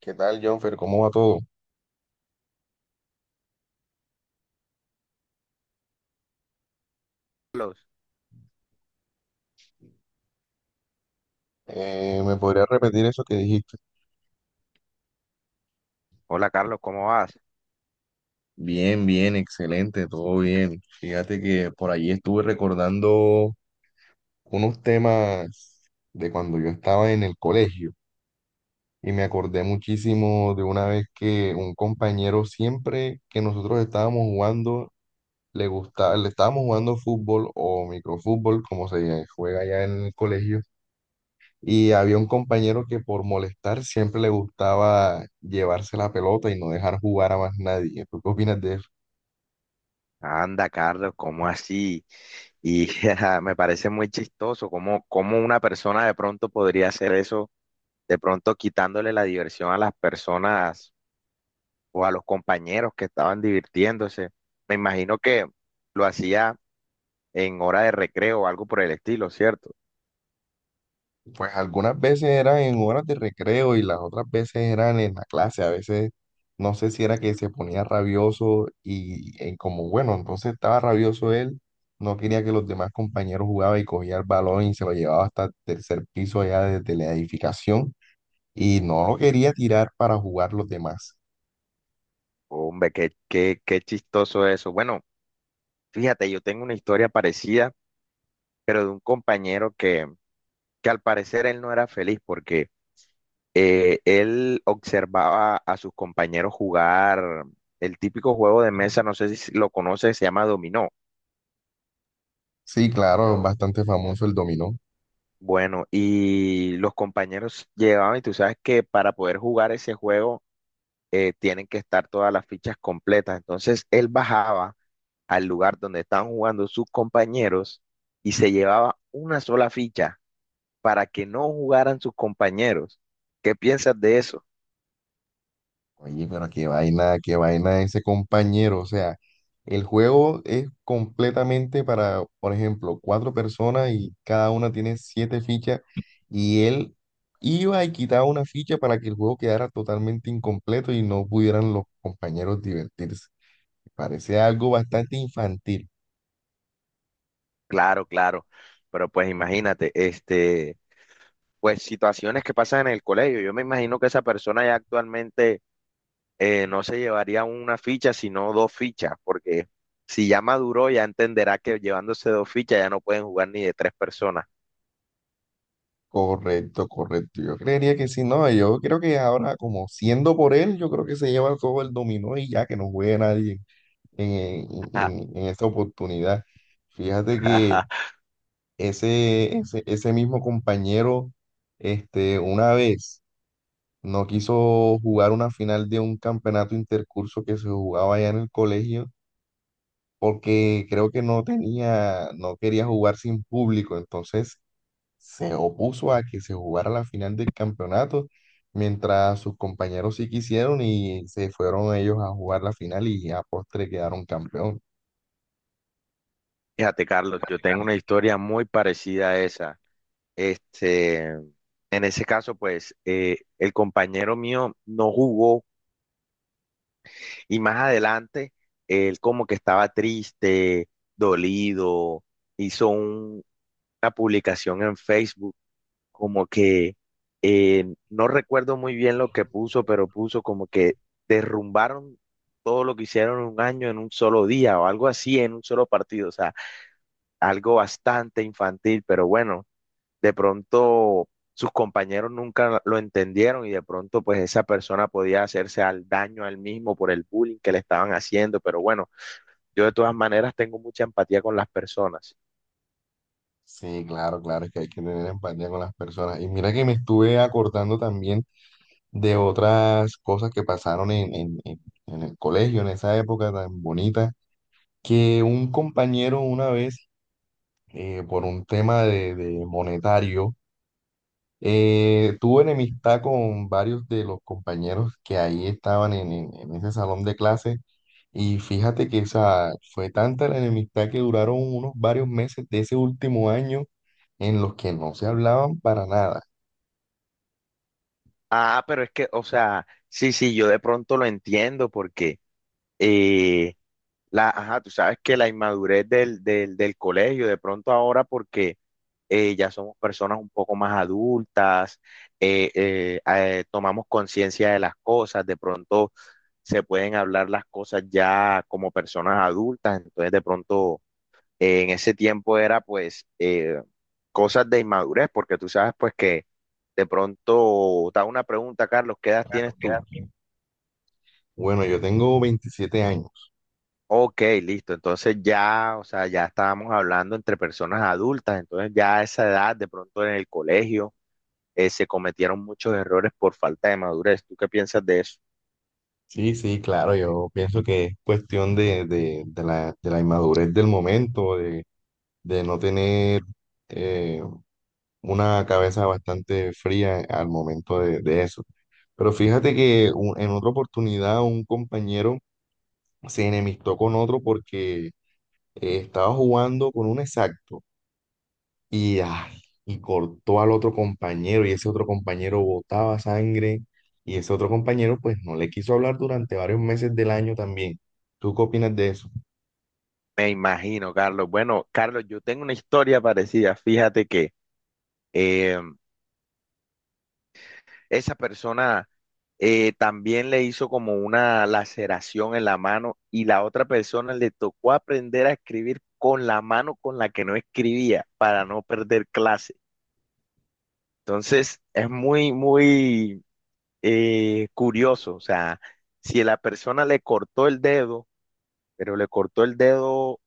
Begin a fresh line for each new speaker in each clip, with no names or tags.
¿Qué tal, Jonfer? ¿Cómo va todo?
Carlos.
¿Me podrías repetir eso que dijiste?
Hola Carlos, ¿cómo vas?
Bien, bien, excelente, todo bien. Fíjate que por allí estuve recordando unos temas de cuando yo estaba en el colegio y me acordé muchísimo de una vez que un compañero siempre que nosotros estábamos jugando, le gustaba, le estábamos jugando fútbol o microfútbol, como se juega allá en el colegio. Y había un compañero que por molestar siempre le gustaba llevarse la pelota y no dejar jugar a más nadie. ¿Tú qué opinas de eso?
Anda, Carlos, ¿cómo así? Y ajá, me parece muy chistoso cómo una persona de pronto podría hacer eso, de pronto quitándole la diversión a las personas o a los compañeros que estaban divirtiéndose. Me imagino que lo hacía en hora de recreo o algo por el estilo, ¿cierto?
Pues algunas veces eran en horas de recreo y las otras veces eran en la clase. A veces no sé si era que se ponía rabioso y, en como, bueno, entonces estaba rabioso él, no quería que los demás compañeros jugaban y cogía el balón y se lo llevaba hasta el tercer piso allá desde la edificación y no lo quería tirar para jugar los demás.
Hombre, qué chistoso eso. Bueno, fíjate, yo tengo una historia parecida, pero de un compañero que al parecer él no era feliz porque él observaba a sus compañeros jugar el típico juego de mesa, no sé si lo conoces, se llama dominó.
Sí, claro, bastante famoso el dominó.
Bueno, y los compañeros llegaban y tú sabes que para poder jugar ese juego tienen que estar todas las fichas completas. Entonces él bajaba al lugar donde estaban jugando sus compañeros y se llevaba una sola ficha para que no jugaran sus compañeros. ¿Qué piensas de eso?
Oye, pero qué vaina ese compañero. O sea, el juego es completamente para, por ejemplo, cuatro personas y cada una tiene siete fichas y él iba y quitaba una ficha para que el juego quedara totalmente incompleto y no pudieran los compañeros divertirse. Parece algo bastante infantil.
Claro, claro. Pero pues imagínate, pues situaciones que pasan en el colegio. Yo me imagino que esa persona ya actualmente no se llevaría una ficha, sino dos fichas, porque si ya maduró, ya entenderá que llevándose dos fichas ya no pueden jugar ni de tres personas.
Correcto, correcto. Yo creería que sí, no, yo creo que ahora como siendo por él, yo creo que se lleva todo el dominó y ya que no juegue nadie en esta oportunidad. Fíjate que ese mismo compañero, este, una vez no quiso jugar una final de un campeonato intercurso que se jugaba allá en el colegio, porque creo que no tenía, no quería jugar sin público, entonces se opuso a que se jugara la final del campeonato, mientras sus compañeros sí quisieron y se fueron ellos a jugar la final y a postre quedaron campeón.
Fíjate, Carlos, yo tengo una historia muy parecida a esa. Este, en ese caso, pues, el compañero mío no jugó y más adelante él como que estaba triste, dolido, hizo una publicación en Facebook, como que no recuerdo muy bien lo que puso, pero puso como que derrumbaron todo lo que hicieron en un año en un solo día o algo así en un solo partido, o sea, algo bastante infantil, pero bueno, de pronto sus compañeros nunca lo entendieron y de pronto pues esa persona podía hacerse al daño a él mismo por el bullying que le estaban haciendo, pero bueno, yo de todas maneras tengo mucha empatía con las personas.
Sí, claro, claro, es que hay que tener empatía con las personas. Y mira que me estuve acordando también de otras cosas que pasaron en el colegio, en esa época tan bonita, que un compañero una vez, por un tema de monetario, tuve enemistad con varios de los compañeros que ahí estaban en ese salón de clase y fíjate que esa fue tanta la enemistad que duraron unos varios meses de ese último año en los que no se hablaban para nada.
Ah, pero es que, o sea, sí, sí, yo de pronto lo entiendo porque, eh, ajá, tú sabes que la inmadurez del colegio, de pronto ahora porque ya somos personas un poco más adultas, tomamos conciencia de las cosas, de pronto se pueden hablar las cosas ya como personas adultas, entonces de pronto en ese tiempo era pues cosas de inmadurez, porque tú sabes pues que de pronto te hago una pregunta, Carlos, ¿qué edad tienes tú?
Bueno, yo tengo 27 años.
Ok, listo. Entonces ya, o sea, ya estábamos hablando entre personas adultas, entonces ya a esa edad, de pronto en el colegio, se cometieron muchos errores por falta de madurez. ¿Tú qué piensas de eso?
Sí, sí, claro, yo pienso que es cuestión de, de la inmadurez del momento, de no tener, eh, una cabeza bastante fría al momento de eso. Pero fíjate que en otra oportunidad un compañero se enemistó con otro porque estaba jugando con un exacto y, ay, y cortó al otro compañero y ese otro compañero botaba sangre y ese otro compañero pues no le quiso hablar durante varios meses del año también. ¿Tú qué opinas de eso?
Me imagino, Carlos. Bueno, Carlos, yo tengo una historia parecida. Fíjate que eh, esa persona también le hizo como una laceración en la mano y la otra persona le tocó aprender a escribir con la mano con la que no escribía para no perder clase. Entonces, es muy curioso. O sea, si la persona le cortó el dedo, pero le cortó el dedo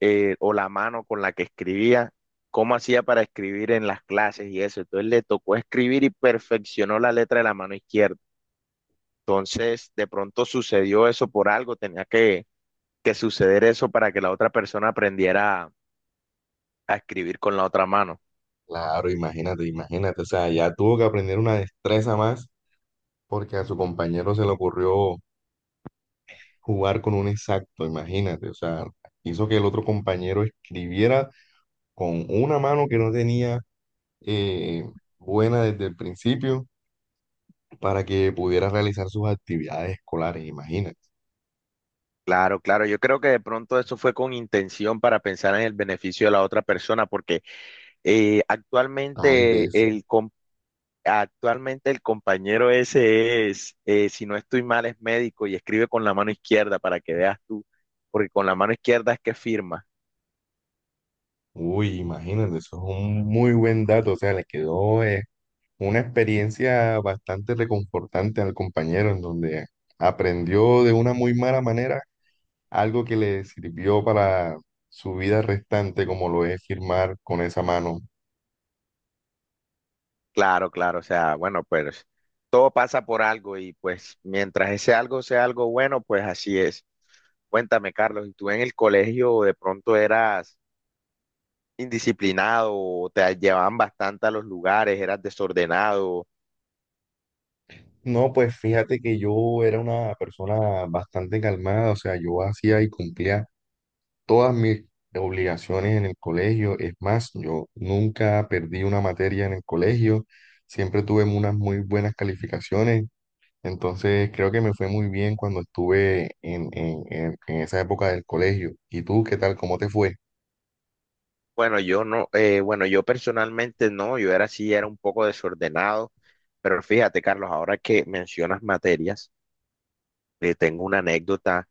o la mano con la que escribía, ¿cómo hacía para escribir en las clases y eso? Entonces le tocó escribir y perfeccionó la letra de la mano izquierda. Entonces, de pronto sucedió eso por algo, tenía que suceder eso para que la otra persona aprendiera a escribir con la otra mano.
Claro, imagínate, imagínate, o sea, ya tuvo que aprender una destreza más porque a su compañero se le ocurrió jugar con un exacto, imagínate, o sea, hizo que el otro compañero escribiera con una mano que no tenía eh, buena desde el principio para que pudiera realizar sus actividades escolares, imagínate,
Claro, claro, yo creo que de pronto eso fue con intención para pensar en el beneficio de la otra persona, porque
tal
actualmente
vez,
actualmente el compañero ese es, si no estoy mal, es médico y escribe con la mano izquierda para que veas tú, porque con la mano izquierda es que firma.
uy, imagínate, eso es un muy buen dato, o sea, le quedó una experiencia bastante reconfortante al compañero en donde aprendió de una muy mala manera algo que le sirvió para su vida restante, como lo es firmar con esa mano.
Claro, claro, o sea, bueno, pues todo pasa por algo y pues mientras ese algo sea algo bueno, pues así es. Cuéntame, Carlos, ¿y tú en el colegio de pronto eras indisciplinado o te llevaban bastante a los lugares, eras desordenado?
No, pues fíjate que yo era una persona bastante calmada, o sea, yo hacía y cumplía todas mis obligaciones en el colegio. Es más, yo nunca perdí una materia en el colegio, siempre tuve unas muy buenas calificaciones, entonces creo que me fue muy bien cuando estuve en esa época del colegio. ¿Y tú qué tal? ¿Cómo te fue?
Bueno, yo no, bueno, yo personalmente no, yo era así, era un poco desordenado, pero fíjate, Carlos, ahora que mencionas materias, tengo una anécdota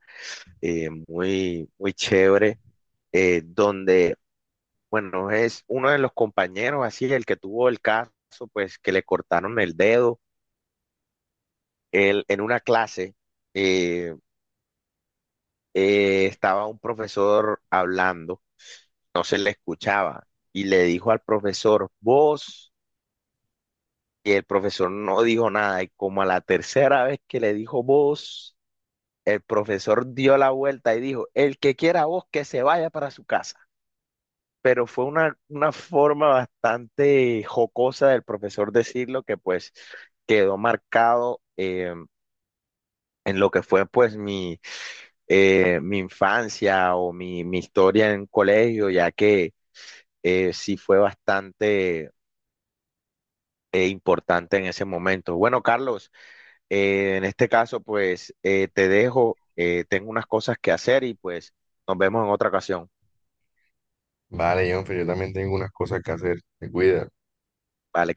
muy, muy chévere donde Bueno, es uno de los compañeros, así, el que tuvo el caso, pues que le cortaron el dedo. Él, en una clase eh, estaba un profesor hablando, no se le escuchaba, y le dijo al profesor, vos, y el profesor no dijo nada, y como a la tercera vez que le dijo vos, el profesor dio la vuelta y dijo, el que quiera vos, que se vaya para su casa. Pero fue una forma bastante jocosa del profesor decirlo que pues quedó marcado en lo que fue pues mi, mi infancia o mi historia en colegio, ya que sí fue bastante importante en ese momento. Bueno, Carlos, en este caso pues te dejo, tengo unas cosas que hacer y pues nos vemos en otra ocasión.
Vale, Jonfer, yo también tengo unas cosas que hacer. Te cuidas.
Vale.